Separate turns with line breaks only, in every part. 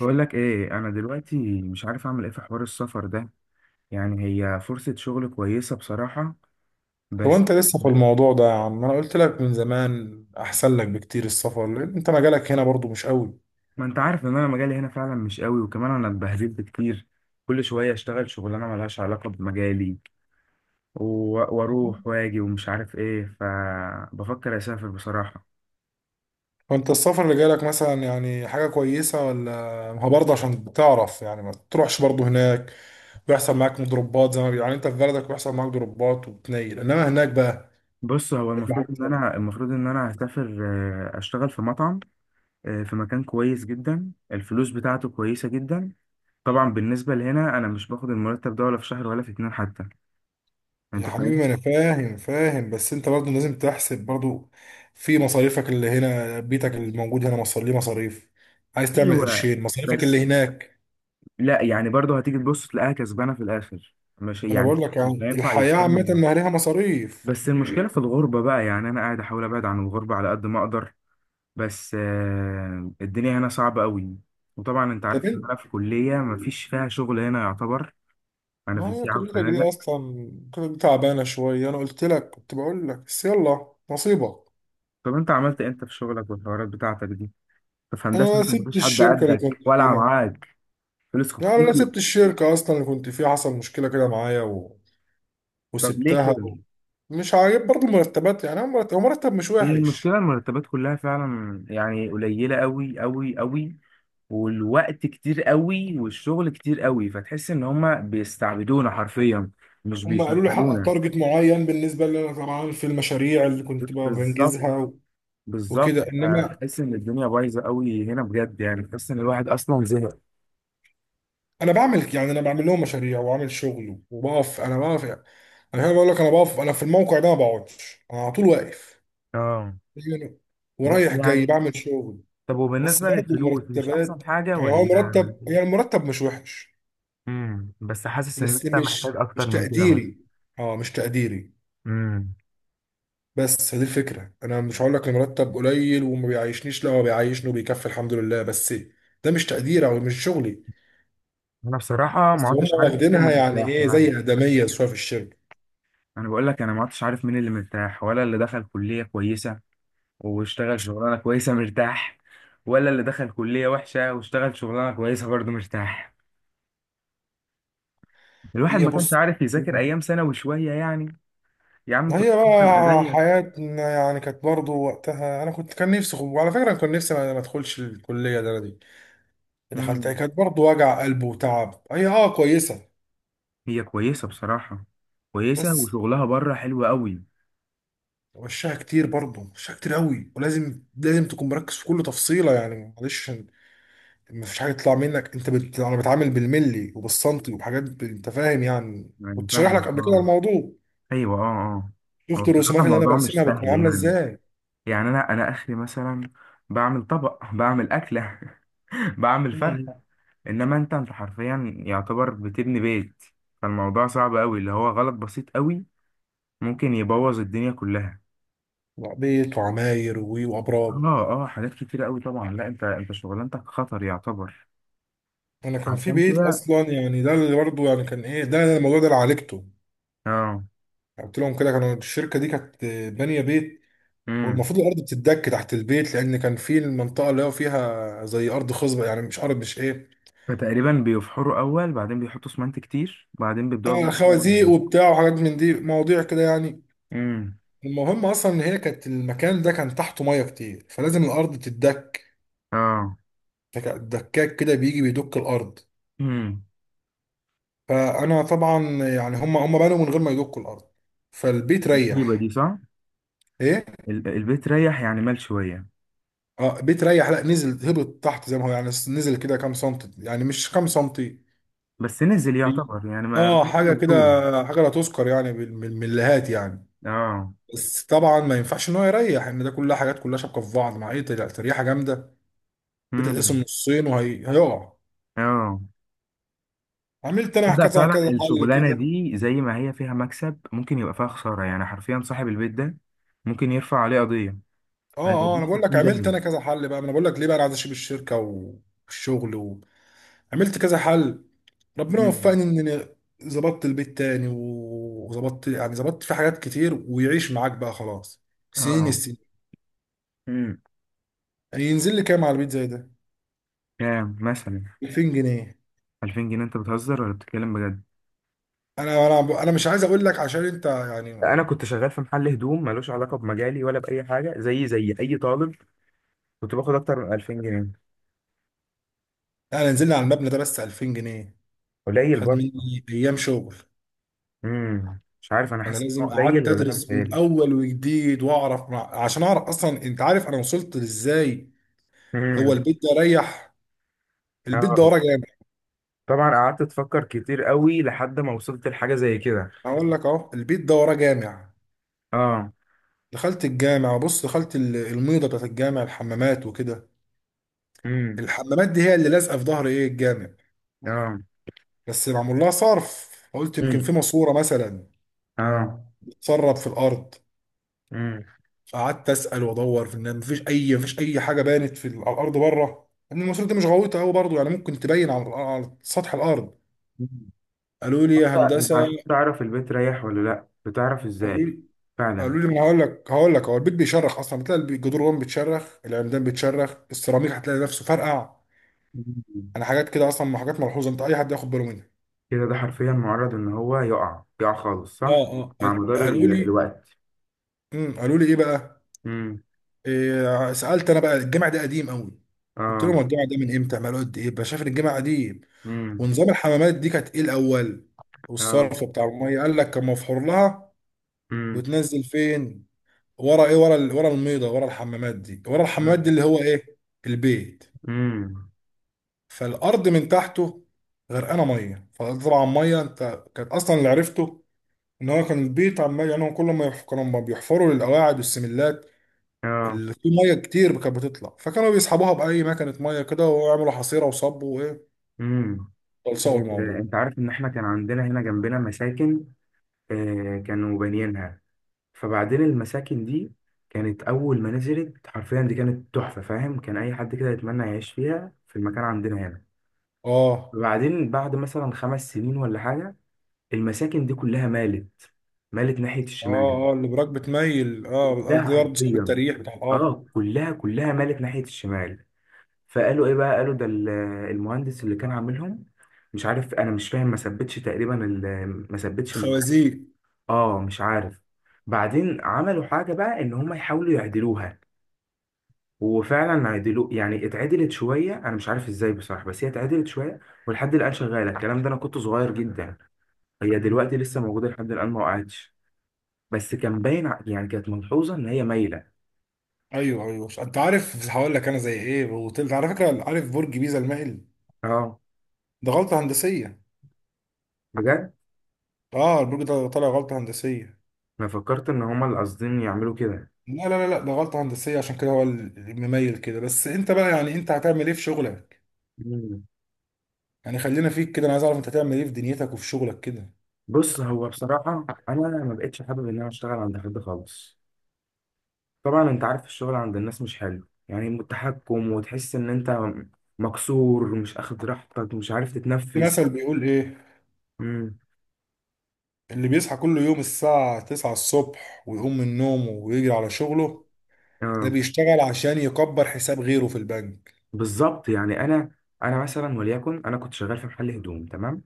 بقول لك ايه، انا دلوقتي مش عارف اعمل ايه في حوار السفر ده. يعني هي فرصة شغل كويسة بصراحة،
هو
بس.
انت لسه في الموضوع ده يا عم؟ انا قلت لك من زمان احسن لك بكتير السفر، لان انت مجالك هنا برضو مش قوي.
ما انت عارف ان انا مجالي هنا فعلا مش قوي، وكمان انا اتبهدلت كتير. كل شوية اشتغل شغلانة ملهاش علاقة بمجالي واروح واجي ومش عارف ايه، فبفكر اسافر بصراحة.
فانت السفر اللي جالك مثلا يعني حاجة كويسة ولا؟ ما هو برضه عشان تعرف، يعني ما تروحش برضه هناك. بيحصل معاك مضروبات زي ما يعني انت في بلدك بيحصل معاك ضربات وبتنيل، انما هناك بقى
بص، هو
هيبقى
المفروض
حاجة
ان
تانية.
انا هسافر. آه، اشتغل في مطعم. آه، في مكان كويس جدا، الفلوس بتاعته كويسة جدا. طبعا بالنسبة لهنا انا مش باخد المرتب ده ولا في شهر ولا في اتنين حتى.
يا
انت
حبيبي
فاهم.
ما انا فاهم، بس انت برضه لازم تحسب برضه في مصاريفك اللي هنا، بيتك الموجود هنا مصاري ليه مصاريف، عايز تعمل
ايوه،
قرشين، مصاريفك
بس.
اللي هناك.
لا يعني برضه هتيجي تبص تلاقيها كسبانه في الاخر. مش
انا
يعني
بقول
مش
لك
مش
يعني
هينفع
الحياه
يقارن
عامه
بها.
ما ليها مصاريف.
بس المشكله في الغربه بقى، يعني انا قاعد احاول ابعد عن الغربه على قد ما اقدر. بس الدنيا هنا صعبه قوي. وطبعا انت
طب
عارف ان
انت،
انا في كليه مفيش فيها شغل هنا يعتبر. انا في
ما هي
سياحه
كليتك دي
وفنادق.
اصلا كانت تعبانه شويه، انا قلت لك كنت بقول لك بس يلا نصيبك.
طب انت عملت إيه انت في شغلك والحوارات بتاعتك دي؟ طب في هندسه
انا
انت
سبت
مفيش حد
الشركه اللي كنت
قدك ولا
فيها.
معاك؟ فلوسكوا
لا
كتير.
لا سبت الشركه اصلا اللي كنت فيها، حصل مشكله كده معايا
طب ليه
وسبتها.
كده؟
مش عاجب برضو المرتبات، يعني أنا مرتب، هو مرتب مش
هي
وحش.
المشكلة المرتبات كلها فعلا يعني قليلة قوي قوي قوي، والوقت كتير قوي والشغل كتير قوي، فتحس ان هما بيستعبدونا حرفيا، مش
هم قالوا لي حقق
بيشغلونا.
تارجت معين، بالنسبه لي انا طبعا في المشاريع اللي كنت بقى
بالظبط،
بنجزها
بالظبط.
وكده،
آه،
انما
تحس ان الدنيا بايظة قوي هنا بجد، يعني تحس ان الواحد اصلا زهق.
انا بعمل، يعني انا بعمل لهم مشاريع واعمل شغل وبقف، انا بقف يعني، انا هنا بقول لك انا بقف، انا في الموقع ده ما بقعدش انا، على طول واقف
اه،
يعني،
بس
ورايح جاي
يعني.
بعمل شغل.
طب
بس
وبالنسبة
برضه
للفلوس مش
المرتبات،
أحسن حاجة
يعني هو
ولا؟
مرتب، يعني المرتب مش وحش،
بس حاسس إن
بس
أنت محتاج
مش
أكتر
مش
من كده، بس.
تقديري، اه مش تقديري.
امم.
بس هذه الفكره، انا مش هقول لك المرتب قليل وما بيعيشنيش، لا هو بيعيشني وبيكفي الحمد لله، بس ده مش تقديري او مش شغلي.
أنا بصراحة ما
بس هم
عدتش عارف مين
واخدينها
اللي
يعني
مرتاح
ايه
يعني.
زي ادميه شويه في الشركه.
انا بقول لك انا ما عدتش عارف مين اللي مرتاح، ولا اللي دخل كلية كويسة واشتغل شغلانة كويسة مرتاح، ولا اللي دخل كلية وحشة واشتغل شغلانة كويسة برضه مرتاح. الواحد
هي
ما كانش
بص،
عارف يذاكر ايام ثانوي شوية يعني. يا عم كنت
هي
ابقى
بقى
زيك.
حياتنا يعني كانت برضه وقتها، انا كنت كان نفسي وعلى فكره أنا كان نفسي ما ادخلش الكليه ده، أنا دي دخلتها
امم.
كانت برضه وجع قلب وتعب. هي اه كويسه.
هي كويسة بصراحة، كويسة
بس
وشغلها بره حلو قوي.
وشها كتير برضه، وشها كتير قوي، ولازم لازم تكون مركز في كل تفصيله، يعني معلش، ما فيش حاجه تطلع منك. انت انا بتعامل بالملي وبالسنتي وبحاجات انت فاهم، يعني
يعني
كنت شارح لك
فاهم،
قبل كده
اه.
الموضوع.
ايوه، اه. اه. هو
شفت
بصراحة
الرسومات اللي انا
الموضوع مش
برسمها بتكون
سهل
عامله
يعني.
ازاي.
يعني انا اخري مثلا بعمل طبق، بعمل اكلة، بعمل
مم.
فرخة. انما انت حرفيا يعتبر بتبني بيت. فالموضوع صعب قوي، اللي هو غلط بسيط قوي ممكن يبوظ الدنيا كلها.
وعبيط وعماير وابراج.
اه، اه، حاجات كتيرة قوي طبعا. لا، انت شغلانتك خطر يعتبر.
انا كان في
عشان
بيت
كده.
اصلا يعني، ده اللي برضه يعني كان ايه، ده الموضوع ده اللي عالجته.
اه.
قلت لهم كده، كانوا الشركه دي كانت بانيه بيت،
امم.
والمفروض الارض بتتدك تحت البيت، لان كان في المنطقه اللي هو فيها زي ارض خصبه يعني، مش ارض مش ايه،
فتقريبا بيفحروا اول، بعدين بيحطوا اسمنت كتير، بعدين بيبداوا
آه
بقى.
خوازيق وبتاع وحاجات من دي مواضيع كده يعني.
امم.
المهم اصلا ان هي كانت المكان ده كان تحته ميه كتير، فلازم الارض تتدك.
اه.
الدكاك كده بيجي بيدك الارض.
امم.
فانا طبعا يعني هم بنوا من غير ما يدكوا الارض، فالبيت
مصيبة دي،
ريح.
صح.
ايه؟
البيت ريح يعني، مال شوية.
اه بتريح، لا نزل، هبط تحت زي ما هو يعني، نزل كده كام سنتي، يعني مش كام سنتي.
بس نزل
هي-
يعتبر يعني، ما
اه حاجه كده،
مفهوش.
حاجه لا تذكر يعني من المليهات يعني.
اه.
بس طبعا ما ينفعش ان هو يريح، ان ده كلها حاجات كلها شابكه في بعض مع ايه تريحه جامده، بتتقسم
امم.
نصين وهيقع.
اه،
عملت انا
ده
كذا
فعلا
كذا حل
الشغلانه
كده.
دي زي ما هي فيها مكسب ممكن يبقى فيها خساره، يعني حرفيا صاحب البيت ده ممكن يرفع عليه قضيه.
اه اه،
هيوديه
انا بقول
60
لك عملت انا
داهيه.
كذا حل، بقى ما انا بقول لك ليه بقى، انا عايز اسيب الشركه والشغل. عملت كذا حل، ربنا
مم.
وفقني ان أنا ظبطت البيت تاني وظبطت، يعني ظبطت في حاجات كتير، ويعيش معاك بقى خلاص سنين
اه.
السنين.
امم.
يعني ينزل لي كام على البيت زي ده؟
كام مثلا؟
2000 جنيه.
2000 جنيه؟ انت بتهزر ولا بتتكلم بجد؟
انا مش عايز اقول لك عشان انت يعني،
انا كنت شغال في محل هدوم ملوش علاقه بمجالي ولا باي حاجه، زي اي طالب، كنت باخد اكتر من 2000 جنيه.
انا نزلنا على المبنى ده بس 2000 جنيه.
قليل
خد
برضه.
مني ايام شغل.
مش عارف، انا
انا
حاسس ان هو
لازم
قليل
قعدت
ولا انا
ادرس من
بتهيألي.
اول وجديد واعرف عشان اعرف اصلا، انت عارف انا وصلت لازاي. هو
امم.
البيت ده ريح، البيت
اه.
ده وراه جامع.
طبعا قعدت افكر كتير قوي لحد ما وصلت لحاجه زي كده.
اقول لك اهو، البيت ده وراه جامع.
اه.
دخلت الجامع، بص دخلت الميضه بتاعت الجامع، الحمامات وكده.
امم.
الحمامات دي هي اللي لازقه في ظهر ايه؟ الجامع.
اه.
بس معمول لها صرف، قلت يمكن
امم.
في ماسوره مثلا
اه.
تسرب في الارض.
امم.
فقعدت اسال وادور في ان مفيش اي حاجه بانت في على الارض بره، ان الماسوره دي مش غويطه قوي برضه يعني، ممكن تبين على على سطح الارض. قالوا لي
انت
يا
انت
هندسه،
عشان تعرف البيت رايح ولا لا بتعرف
قالوا
ازاي؟
لي
فعلا.
قالوا لي ما هقول لك، هو البيت بيشرخ اصلا، بتلاقي الجدران جوه بتشرخ، العمدان بتشرخ، السيراميك هتلاقي نفسه فرقع.
مم.
انا حاجات كده اصلا، حاجات ملحوظه، انت اي حد ياخد باله منها.
كده، ده حرفيا معرض ان هو يقع، يقع خالص صح.
اه
مع
اه
مدار
قالوا لي،
الوقت.
قالوا لي ايه بقى؟
امم.
إيه سالت انا بقى، الجامع ده قديم قوي، قلت
اه.
لهم هو الجامع ده من امتى عملوا؟ قد ايه بقى شايف ان الجامع قديم؟
امم.
ونظام الحمامات دي كانت ايه الاول،
اه.
والصرف بتاع الميه قال لك كان مفحور لها
امم.
وتنزل فين؟ ورا ايه؟ ورا ورا الميضه، ورا الحمامات دي، ورا الحمامات دي اللي هو ايه؟ البيت.
امم.
فالارض من تحته غرقانه ميه، فطبعا ميه انت كانت اصلا اللي عرفته، ان هو كان البيت عمال يعني، هو كل ما كانوا ما بيحفروا للقواعد والسملات
اه.
في ميه كتير كانت بتطلع، فكانوا بيسحبوها باي مكنه ميه كده، ويعملوا حصيره وصبوا وايه،
امم.
خلصوا الموضوع.
انت عارف ان احنا كان عندنا هنا جنبنا مساكن؟ آه، كانوا بانيينها. فبعدين المساكن دي كانت أول ما نزلت حرفيا دي كانت تحفة، فاهم، كان أي حد كده يتمنى يعيش فيها في المكان عندنا هنا.
اه
وبعدين بعد مثلا 5 سنين ولا حاجة، المساكن دي كلها مالت. مالت ناحية الشمال.
اه اه اللي براك بتميل، اه
كلها
دي برضه سبب
حرفيا.
التريح بتاع الارض.
اه، كلها كلها مالت ناحية الشمال. فقالوا ايه بقى، قالوا ده المهندس اللي كان عاملهم مش عارف، انا مش فاهم، ما ثبتش تقريبا ما ثبتش.
خوازيق.
اه، مش عارف. بعدين عملوا حاجة بقى، ان هم يحاولوا يعدلوها. وفعلا عدلوا يعني، اتعدلت شويه، انا مش عارف ازاي بصراحه، بس هي اتعدلت شويه ولحد الان شغاله الكلام ده. انا كنت صغير جدا. هي دلوقتي لسه موجوده لحد الان، ما وقعتش. بس كان باين يعني كانت ملحوظه ان هي مايله.
ايوه ايوه، انت عارف هقول لك انا زي ايه، وطلت على فكره، عارف برج بيزا المائل؟
اه،
ده غلطه هندسيه،
بجد.
اه البرج ده طالع غلطه هندسيه.
انا فكرت ان هما اللي قاصدين يعملوا كده.
لا ده غلطه هندسيه، عشان كده هو المميل كده. بس انت بقى، يعني انت هتعمل ايه في شغلك؟
مم.
يعني خلينا فيك كده، انا عايز اعرف انت هتعمل ايه في دنيتك وفي شغلك كده.
بص، هو بصراحه انا ما بقتش حابب ان انا اشتغل عند حد خالص. طبعا انت عارف الشغل عند الناس مش حلو، يعني متحكم، وتحس ان انت مكسور، مش اخد راحتك، مش عارف
في
تتنفس.
مثل بيقول ايه؟
امم.
اللي بيصحى كل يوم الساعة 9 الصبح ويقوم من نومه ويجري على شغله، ده
اه.
بيشتغل عشان يكبر حساب غيره في البنك.
بالظبط يعني انا مثلا وليكن انا كنت شغال في محل هدوم، تمام.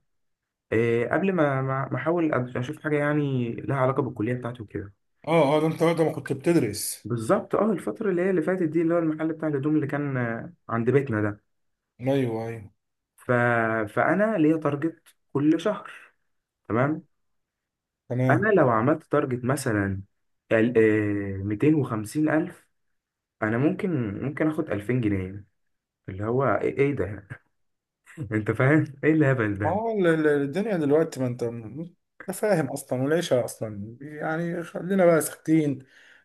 إيه، قبل ما احاول اشوف حاجه يعني لها علاقه بالكليه بتاعتي وكده.
اه اه، ده انت وقت ما كنت بتدرس.
بالظبط، اه الفتره اللي هي اللي فاتت دي اللي هو المحل بتاع الهدوم اللي كان عند بيتنا ده.
ايوه ايوه.
ف... فانا ليا تارجت كل شهر، تمام. انا
تمام.
لو عملت تارجت مثلا 250 الف، انا ممكن اخد 2000 جنيه، اللي هو ايه، إيه ده، انت فاهم ايه الهبل ده؟
اه الدنيا دلوقتي، ما انت انت فاهم اصلا، والعيشة اصلا يعني خلينا بقى ساكتين،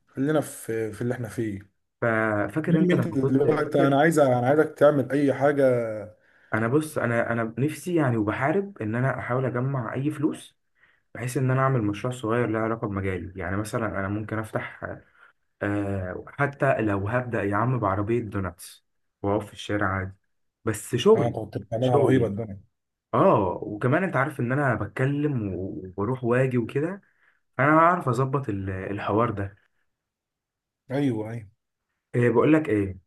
خلينا في اللي احنا فيه.
ففاكر
المهم
انت
انت
لما كنت
دلوقتي،
فاكر.
انا عايزك تعمل اي حاجة.
انا بص، انا نفسي يعني، وبحارب ان انا احاول اجمع اي فلوس، بحيث ان انا اعمل مشروع صغير له علاقه بمجالي. يعني مثلا انا ممكن افتح، آه، حتى لو هبدا يا عم بعربيه دوناتس، واقف في الشارع عادي، بس
انا
شغل.
كنت بتعملها رهيبة
شغلي.
الدنيا.
اه. وكمان انت عارف ان انا بتكلم وبروح واجي وكده، فانا هعرف اظبط الحوار ده.
ايوه ايوه.
إيه، بقول لك ايه؟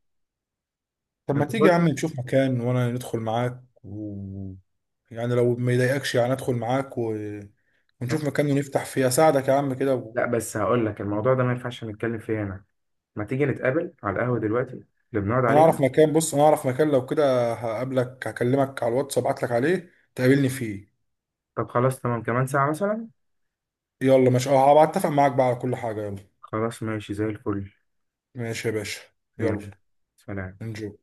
طب ما
انت
تيجي يا
برضه.
عم نشوف مكان وانا ندخل معاك يعني لو ما يضايقكش يعني ادخل معاك ونشوف مكان ونفتح فيه، اساعدك يا عم كده
لا، بس هقول لك الموضوع ده ما ينفعش نتكلم فيه هنا. ما تيجي نتقابل على القهوه دلوقتي اللي بنقعد
انا اعرف
عليه.
مكان، بص انا اعرف مكان، لو كده هقابلك، هكلمك على الواتس ابعت لك عليه تقابلني فيه.
طب خلاص، تمام، كمان ساعة مثلا.
يلا ماشي، اه هبقى اتفق معاك بقى على كل حاجة. يلا.
خلاص ماشي زي الفل.
ماشي يا باشا. يلا.
يلا. سلام.
انجو.